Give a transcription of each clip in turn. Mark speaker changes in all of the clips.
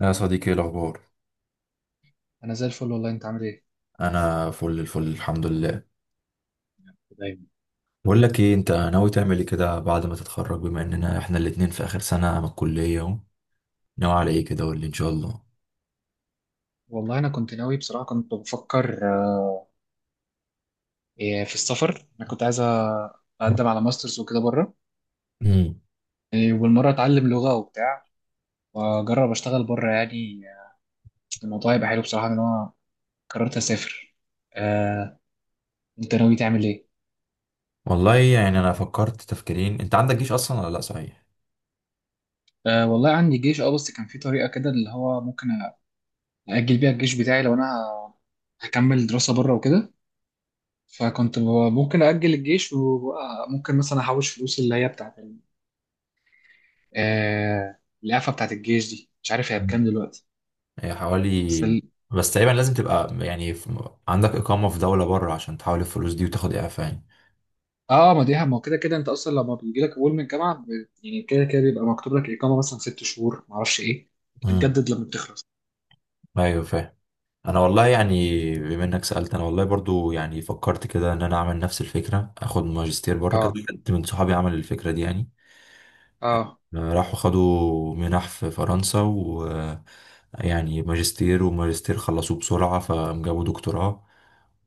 Speaker 1: يا صديقي، ايه الاخبار؟
Speaker 2: انا زي الفل والله، انت عامل ايه؟
Speaker 1: انا فل الفل الحمد لله.
Speaker 2: دايما.
Speaker 1: بقول لك ايه، انت ناوي تعمل ايه كده بعد ما تتخرج، بما اننا احنا الاتنين في اخر سنه من الكليه اهو؟ ناوي على ايه كده، قول لي ان شاء الله.
Speaker 2: والله، انا كنت ناوي بصراحه، كنت بفكر آه، إيه، في السفر. انا كنت عايز اقدم على ماسترز وكده بره.
Speaker 1: امم.
Speaker 2: والمره اتعلم لغه وبتاع. واجرب اشتغل بره يعني. الموضوع هيبقى حلو بصراحه ان انا قررت اسافر. آه، انت ناوي تعمل ايه؟
Speaker 1: والله يعني انا فكرت تفكيرين. انت عندك جيش اصلا ولا لا، صحيح؟
Speaker 2: والله عندي جيش، بس كان في طريقه كده اللي هو ممكن اجل بيها الجيش بتاعي لو انا هكمل دراسه بره وكده. فكنت ب- ممكن اجل الجيش، وممكن مثلا احوش فلوس اللي هي بتاعت القفه بتاعت الجيش دي. مش عارف هي
Speaker 1: مم.
Speaker 2: بكام دلوقتي.
Speaker 1: هي
Speaker 2: بس
Speaker 1: حوالي...
Speaker 2: ال...
Speaker 1: بس تقريبا لازم تبقى يعني في... عندك اقامه في دوله بره عشان تحول الفلوس دي وتاخد اعفاء يعني.
Speaker 2: اه ما دي، ما هو كده كده انت اصلا لما بيجي لك قبول من الجامعه يعني كده كده بيبقى مكتوب لك اقامه مثلا 6 شهور، ما اعرفش ايه،
Speaker 1: امم.
Speaker 2: بتتجدد لما بتخلص.
Speaker 1: ايوه فاهم. انا والله يعني بما انك سالت، انا والله برضو يعني فكرت كده ان انا اعمل نفس الفكره، اخد ماجستير بره كده.
Speaker 2: اه،
Speaker 1: حد من صحابي عمل الفكره دي يعني.
Speaker 2: اه.
Speaker 1: راحوا خدوا منح في فرنسا و... يعني ماجستير خلصوه بسرعه فجابوا دكتوراه.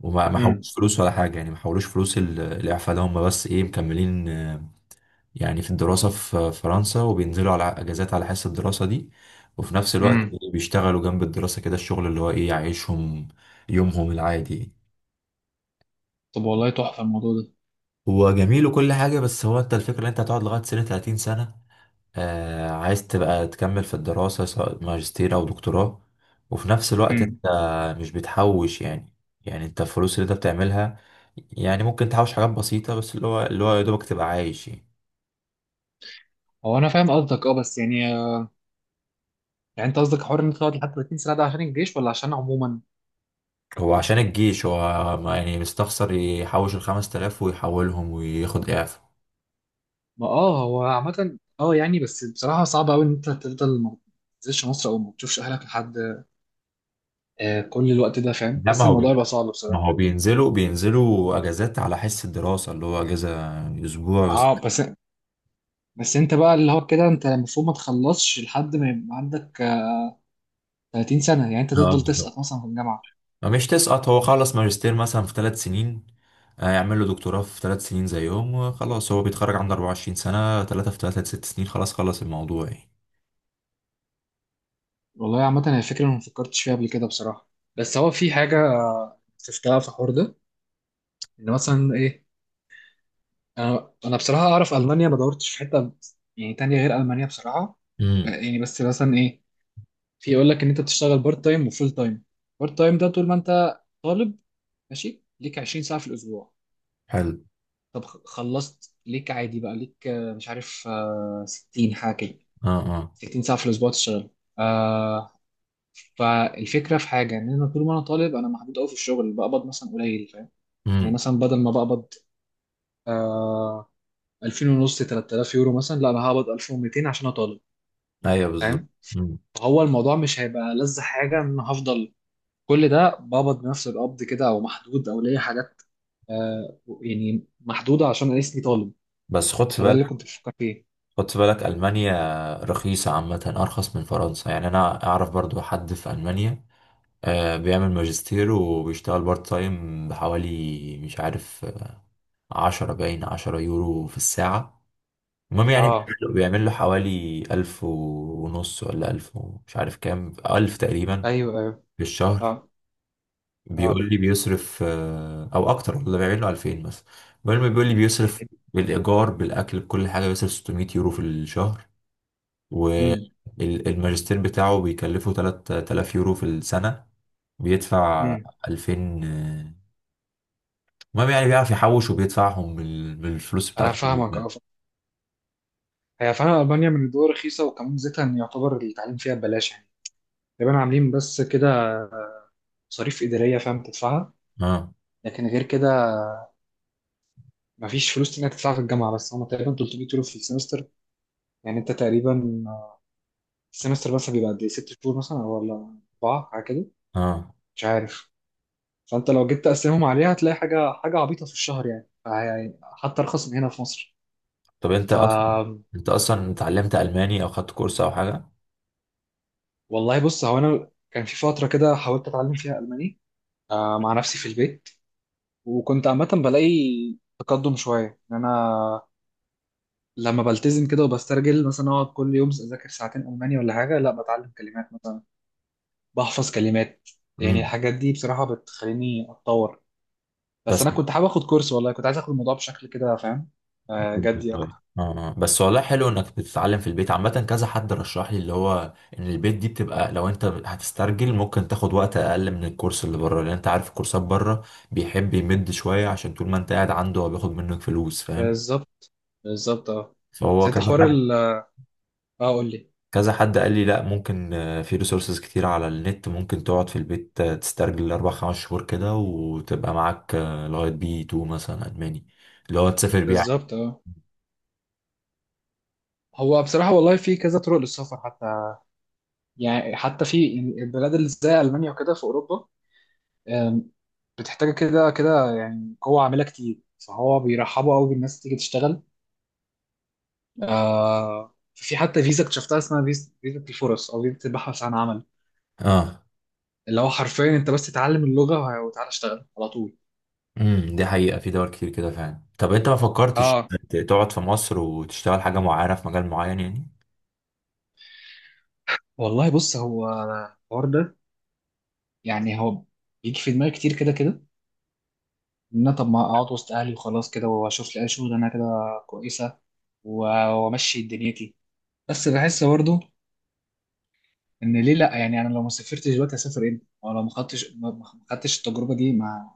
Speaker 1: وما ما
Speaker 2: امم.
Speaker 1: حولوش فلوس ولا حاجه، يعني ما حولوش فلوس. الاعفاء ده هم بس ايه، مكملين يعني في الدراسة في فرنسا، وبينزلوا على أجازات على حس الدراسة دي. وفي نفس الوقت
Speaker 2: امم.
Speaker 1: بيشتغلوا جنب الدراسة كده، الشغل اللي هو إيه، يعيشهم يومهم العادي.
Speaker 2: طب والله، تحفه الموضوع ده.
Speaker 1: هو جميل وكل حاجة، بس هو أنت الفكرة إن أنت هتقعد لغاية سنة 30 سنة. عايز تبقى تكمل في الدراسة سواء ماجستير أو دكتوراه، وفي نفس الوقت
Speaker 2: امم.
Speaker 1: أنت مش بتحوش يعني. يعني أنت الفلوس اللي أنت بتعملها، يعني ممكن تحوش حاجات بسيطة، بس اللي هو يا دوبك تبقى عايش يعني.
Speaker 2: هو انا فاهم قصدك، بس يعني، يعني انت قصدك حوار ان انت تقعد لحد 30 سنه ده عشان الجيش ولا عشان عموما؟
Speaker 1: هو عشان الجيش، هو يعني مستخسر يحوش الخمس تلاف ويحولهم وياخد إعفاء؟
Speaker 2: ما هو عامه، يعني، بس بصراحه صعب قوي ان انت تفضل ما تنزلش مصر او ما تشوفش اهلك لحد كل الوقت ده، فاهم،
Speaker 1: لا، ما
Speaker 2: حاسس
Speaker 1: هو
Speaker 2: الموضوع يبقى صعب
Speaker 1: ما
Speaker 2: بصراحه.
Speaker 1: هو بينزلوا أجازات على حس الدراسة، اللي هو أجازة أسبوع بس.
Speaker 2: اه. بس انت بقى، اللي هو كده انت المفروض ما تخلصش لحد ما يبقى عندك 30 سنة، يعني انت
Speaker 1: اه
Speaker 2: تفضل
Speaker 1: بالظبط.
Speaker 2: تسقط مثلا في الجامعة.
Speaker 1: مش تسقط، هو خلص ماجستير مثلا في 3 سنين، يعمل له دكتوراه في 3 سنين زيهم وخلاص. هو بيتخرج عنده 24 سنة. ثلاثة في ثلاثة 6 سنين، خلاص خلص الموضوع يعني.
Speaker 2: والله، عامة هي فكرة أنا ما فكرتش فيها قبل كده بصراحة، بس هو في حاجة شفتها في الحوار ده. ان مثلا ايه، انا بصراحة اعرف ألمانيا، ما دورتش في حتة يعني تانية غير ألمانيا بصراحة.
Speaker 1: امم.
Speaker 2: يعني بس مثلا ايه، في يقول لك ان انت بتشتغل بارت تايم وفول تايم. بارت تايم ده طول ما انت طالب، ماشي ليك 20 ساعة في الأسبوع.
Speaker 1: حلو.
Speaker 2: طب خلصت ليك عادي، بقى ليك مش عارف، 60 حاجه كده،
Speaker 1: اه، اه.
Speaker 2: 60 ساعه في الاسبوع تشتغل. آه فالفكره في حاجه ان انا طول ما انا طالب، انا محدود قوي في الشغل، بقبض مثلا قليل، فاهم؟ يعني
Speaker 1: امم.
Speaker 2: مثلا بدل ما بقبض 2000 ونص، 3000 يورو مثلا، لا، انا هقبض 1200 عشان أنا طالب.
Speaker 1: ايوه بالظبط.
Speaker 2: فاهم؟
Speaker 1: امم.
Speaker 2: فهو الموضوع مش هيبقى لذ حاجه ان انا هفضل كل ده بقبض بنفس القبض كده، او محدود او ليا حاجات يعني محدوده عشان انا اسمي طالب.
Speaker 1: بس خد في
Speaker 2: فده
Speaker 1: بالك،
Speaker 2: اللي كنت بفكر فيه.
Speaker 1: خدت بالك ألمانيا رخيصة عامة، أرخص من فرنسا يعني. أنا أعرف برضو حد في ألمانيا بيعمل ماجستير وبيشتغل بارت تايم بحوالي مش عارف، عشرة باين 10 يورو في الساعة. المهم يعني بيعمل
Speaker 2: اه،
Speaker 1: له بيعمل له حوالي ألف ونص ولا ألف ومش عارف كام ألف تقريبا
Speaker 2: ايوه، ايوه.
Speaker 1: في الشهر.
Speaker 2: اه، اه.
Speaker 1: بيقول لي بيصرف أو أكتر، ولا بيعمل له 2000 مثلا. المهم بيقول لي بيصرف بالإيجار بالأكل بكل حاجة، بيصرف 600 يورو في الشهر، و
Speaker 2: امم.
Speaker 1: الماجستير بتاعه بيكلفه 3000 يورو في السنة، بيدفع
Speaker 2: امم.
Speaker 1: 2000. آه، المهم يعني بيعرف يحوش وبيدفعهم من الفلوس
Speaker 2: انا
Speaker 1: بتاعته.
Speaker 2: فاهمك، اه. هي فعلا المانيا من الدول الرخيصه، وكمان زيتها ان يعتبر التعليم فيها ببلاش يعني، تقريبا عاملين بس كده مصاريف اداريه فاهم تدفعها،
Speaker 1: اه،
Speaker 2: لكن غير كده مفيش فلوس تانية تدفعها في الجامعه، بس هم تقريبا 300 يورو في السمستر، يعني انت تقريبا، السمستر بس بيبقى قد ايه؟ 6 شهور مثلا ولا اربعه؟ حاجه كده،
Speaker 1: اه.
Speaker 2: مش عارف. فانت لو جيت تقسمهم عليها هتلاقي حاجه عبيطه في الشهر، يعني حتى ارخص من هنا في مصر.
Speaker 1: طب انت
Speaker 2: ف
Speaker 1: اصلا انت اصلا اتعلمت الماني او خدت كورس او حاجة؟
Speaker 2: والله بص هو، انا كان في فتره كده حاولت اتعلم فيها الماني مع نفسي في البيت. وكنت عامة بلاقي تقدم شوية، إن أنا لما بلتزم كده وبسترجل مثلا أقعد كل يوم أذاكر ساعتين ألماني ولا حاجة، لا، بتعلم كلمات مثلا، بحفظ كلمات، يعني
Speaker 1: امم.
Speaker 2: الحاجات دي بصراحة بتخليني أتطور. بس
Speaker 1: بس
Speaker 2: أنا كنت حابب آخد كورس، والله كنت عايز آخد الموضوع بشكل كده، فاهم، جدي
Speaker 1: بالظبط.
Speaker 2: أكتر.
Speaker 1: اه بس والله حلو انك بتتعلم في البيت. عامة كذا حد رشح لي اللي هو ان البيت دي بتبقى، لو انت هتسترجل ممكن تاخد وقت اقل من الكورس اللي بره، لان انت عارف الكورسات بره بيحب يمد شوية عشان طول ما انت قاعد عنده هو بياخد منك فلوس، فاهم.
Speaker 2: بالظبط، بالظبط، أه. بس
Speaker 1: فهو
Speaker 2: أنت
Speaker 1: كذا
Speaker 2: حوار
Speaker 1: حد
Speaker 2: أه، قول لي.
Speaker 1: كذا حد قال لي لا ممكن، في ريسورسز كتير على النت، ممكن تقعد في البيت تسترجل اربع خمس شهور كده، وتبقى معاك لغاية بي 2 مثلا الماني، اللي هو تسافر بيه.
Speaker 2: بالظبط، أه. هو بصراحة والله في كذا طرق للسفر، حتى يعني، حتى في يعني البلاد اللي زي ألمانيا وكده في أوروبا بتحتاج كده كده يعني قوة عاملة كتير، فهو بيرحبوا قوي بالناس تيجي تشتغل. في حتى فيزا اكتشفتها اسمها فيزا الفرص، او فيزا البحث عن عمل،
Speaker 1: اه.
Speaker 2: اللي هو حرفيا انت بس تتعلم اللغة وتعالى اشتغل على طول.
Speaker 1: امم، دي حقيقة في دول كتير كده فعلا. طب انت ما فكرتش
Speaker 2: اه.
Speaker 1: تقعد في مصر وتشتغل حاجة معينة في مجال معين يعني؟
Speaker 2: والله بص هو، الحوار ده يعني هو بيجي في دماغي كتير كده كده، ان انا طب ما اقعد وسط اهلي وخلاص كده واشوف لي اي شغل، انا كده كويسة، وامشي دنيتي. بس بحس برضو ان ليه لا، يعني انا لو ما سافرتش دلوقتي هسافر امتى، او لو ما خدتش ما خدتش التجربه دي، ما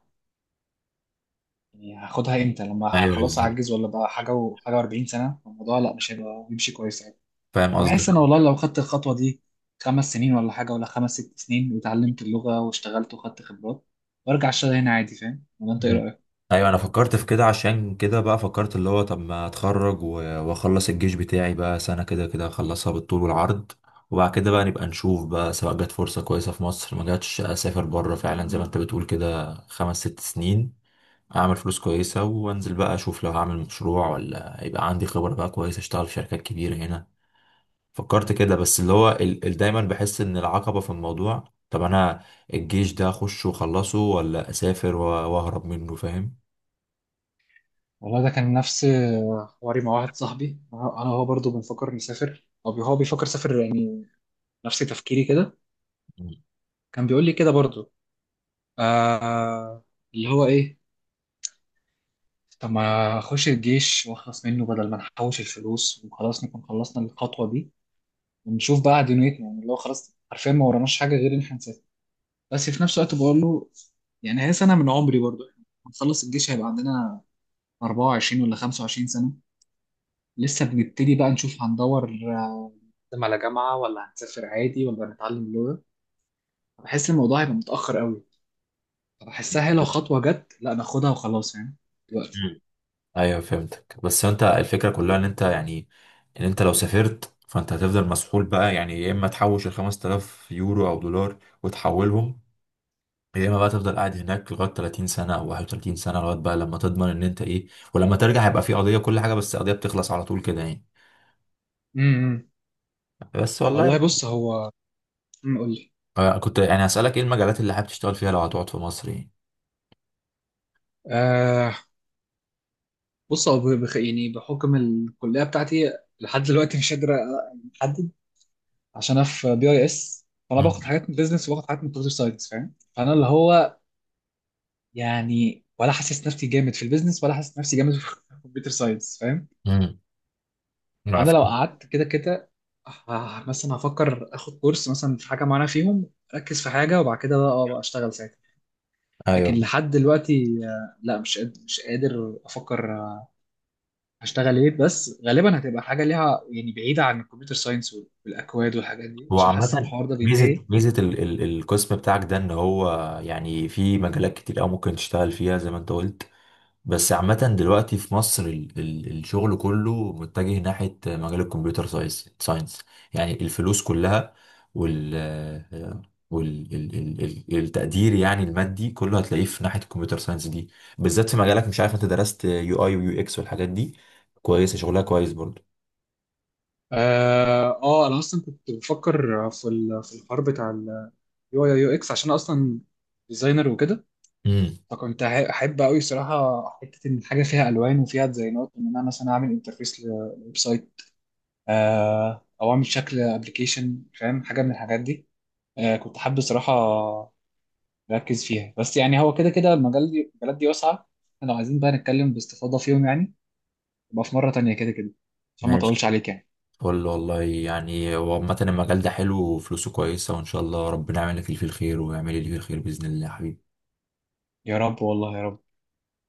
Speaker 2: يعني هاخدها امتى، لما
Speaker 1: ايوه
Speaker 2: خلاص
Speaker 1: بالظبط،
Speaker 2: هعجز ولا بقى حاجه وحاجه و40 سنه، الموضوع لا مش هيبقى بيمشي كويس يعني.
Speaker 1: فاهم قصدك.
Speaker 2: فبحس انا والله لو خدت الخطوه دي 5 سنين ولا حاجه، ولا خمس ست سنين، وتعلمت اللغه واشتغلت وخدت خبرات وارجع اشتغل هنا عادي، فاهم؟ ولا انت ايه
Speaker 1: مم.
Speaker 2: رايك؟
Speaker 1: ايوه انا فكرت في كده، عشان كده بقى فكرت اللي هو طب ما اتخرج واخلص الجيش بتاعي بقى سنة كده كده، اخلصها بالطول والعرض. وبعد كده بقى نبقى نشوف بقى، سواء جت فرصة كويسة في مصر، ما جاتش اسافر بره فعلا زي ما انت بتقول كده خمس ست سنين، اعمل فلوس كويسة وانزل بقى، اشوف لو هعمل مشروع ولا يبقى عندي خبرة بقى كويسة اشتغل في شركات كبيرة هنا. فكرت كده، بس اللي هو دايما بحس ان العقبة في الموضوع، طب انا الجيش ده اخش واخلصه ولا اسافر واهرب منه، فاهم.
Speaker 2: والله ده كان نفس حواري مع واحد صاحبي، أنا وهو برضه بنفكر نسافر، او هو بيفكر يسافر يعني نفس تفكيري كده.
Speaker 1: مم.
Speaker 2: كان بيقول لي كده برضه آه اللي هو ايه، طب ما اخش الجيش واخلص منه، بدل ما نحوش الفلوس وخلاص نكون خلصنا الخطوه دي، ونشوف بقى دنيتنا، يعني اللي هو خلاص عارفين ما وراناش حاجه غير ان احنا نسافر. بس في نفس الوقت بقول له، يعني هي سنه من عمري برضو، احنا هنخلص الجيش هيبقى عندنا 24 ولا 25 سنه، لسه بنبتدي بقى نشوف، هندور نقدم على جامعه ولا هنسافر عادي ولا هنتعلم لغه، بحس الموضوع هيبقى متاخر قوي. بحسها هي لو خطوه جت لا ناخدها وخلاص يعني
Speaker 1: مم. ايوه فهمتك. بس انت الفكرة كلها ان انت يعني، ان انت لو سافرت فانت هتفضل مسحول بقى يعني، يا اما تحوش ال 5000 يورو او دولار وتحولهم، يا اما بقى تفضل قاعد هناك لغايه 30 سنه او 31 سنه، لغايه بقى لما تضمن ان انت ايه، ولما ترجع هيبقى في قضيه كل حاجه، بس القضيه بتخلص على طول كده يعني.
Speaker 2: دلوقتي.
Speaker 1: بس والله
Speaker 2: والله بص هو، قول لي.
Speaker 1: كنت يعني هسألك ايه المجالات اللي حابب تشتغل فيها لو هتقعد في مصر يعني؟
Speaker 2: آه بص هو يعني بحكم الكليه بتاعتي، لحد دلوقتي مش قادر احدد، عشان انا في BIS، فانا
Speaker 1: مم.
Speaker 2: باخد حاجات من بيزنس وباخد حاجات من كمبيوتر ساينس، فاهم؟ فانا اللي هو يعني، ولا حاسس نفسي جامد في البيزنس ولا حاسس نفسي جامد في الكمبيوتر ساينس، فاهم؟
Speaker 1: مم.
Speaker 2: فانا
Speaker 1: عارف.
Speaker 2: لو قعدت كده كده مثلا هفكر اخد كورس مثلا في حاجه معينه فيهم، اركز في حاجه وبعد كده بقى، بقى اشتغل ساعتها. لكن
Speaker 1: ايوه.
Speaker 2: لحد دلوقتي لا، مش قادر افكر هشتغل ايه، بس غالبا هتبقى حاجه ليها يعني بعيده عن الكمبيوتر ساينس والاكواد والحاجات دي،
Speaker 1: هو
Speaker 2: عشان حاسس ان
Speaker 1: عامة
Speaker 2: الحوار ده
Speaker 1: ميزة
Speaker 2: بينتهي.
Speaker 1: ميزة ال القسم بتاعك ده، ان هو يعني في مجالات كتير أوي ممكن تشتغل فيها زي ما انت قلت. بس عامة دلوقتي في مصر ال الشغل كله متجه ناحية مجال الكمبيوتر ساينس. يعني الفلوس كلها، وال... وال ال ال ال التقدير يعني المادي كله هتلاقيه في ناحية الكمبيوتر ساينس دي، بالذات في مجالك. مش عارف انت درست يو اي ويو اكس والحاجات دي، كويسة شغلها كويس برضه.
Speaker 2: انا اصلا كنت بفكر في في الحوار بتاع اليو آي/يو إكس، عشان أنا اصلا ديزاينر وكده،
Speaker 1: امم.
Speaker 2: فكنت احب قوي صراحه حته ان حاجه فيها الوان وفيها ديزاينات، ان انا مثلا اعمل انترفيس لويب سايت، او اعمل شكل ابلكيشن، فاهم، حاجه من الحاجات دي، كنت حابب صراحه ركز فيها. بس يعني هو كده كده المجالات دي واسعة، احنا لو عايزين بقى نتكلم باستفاضة فيهم يعني، يبقى في مرة تانية كده كده، عشان ما اطولش
Speaker 1: ماشي.
Speaker 2: عليك يعني.
Speaker 1: فل والله. يعني هو عامة المجال ده حلو وفلوسه كويسة، وإن شاء الله ربنا يعمل لك اللي فيه الخير ويعمل لي اللي فيه الخير بإذن الله يا حبيبي.
Speaker 2: يا رب، والله يا رب.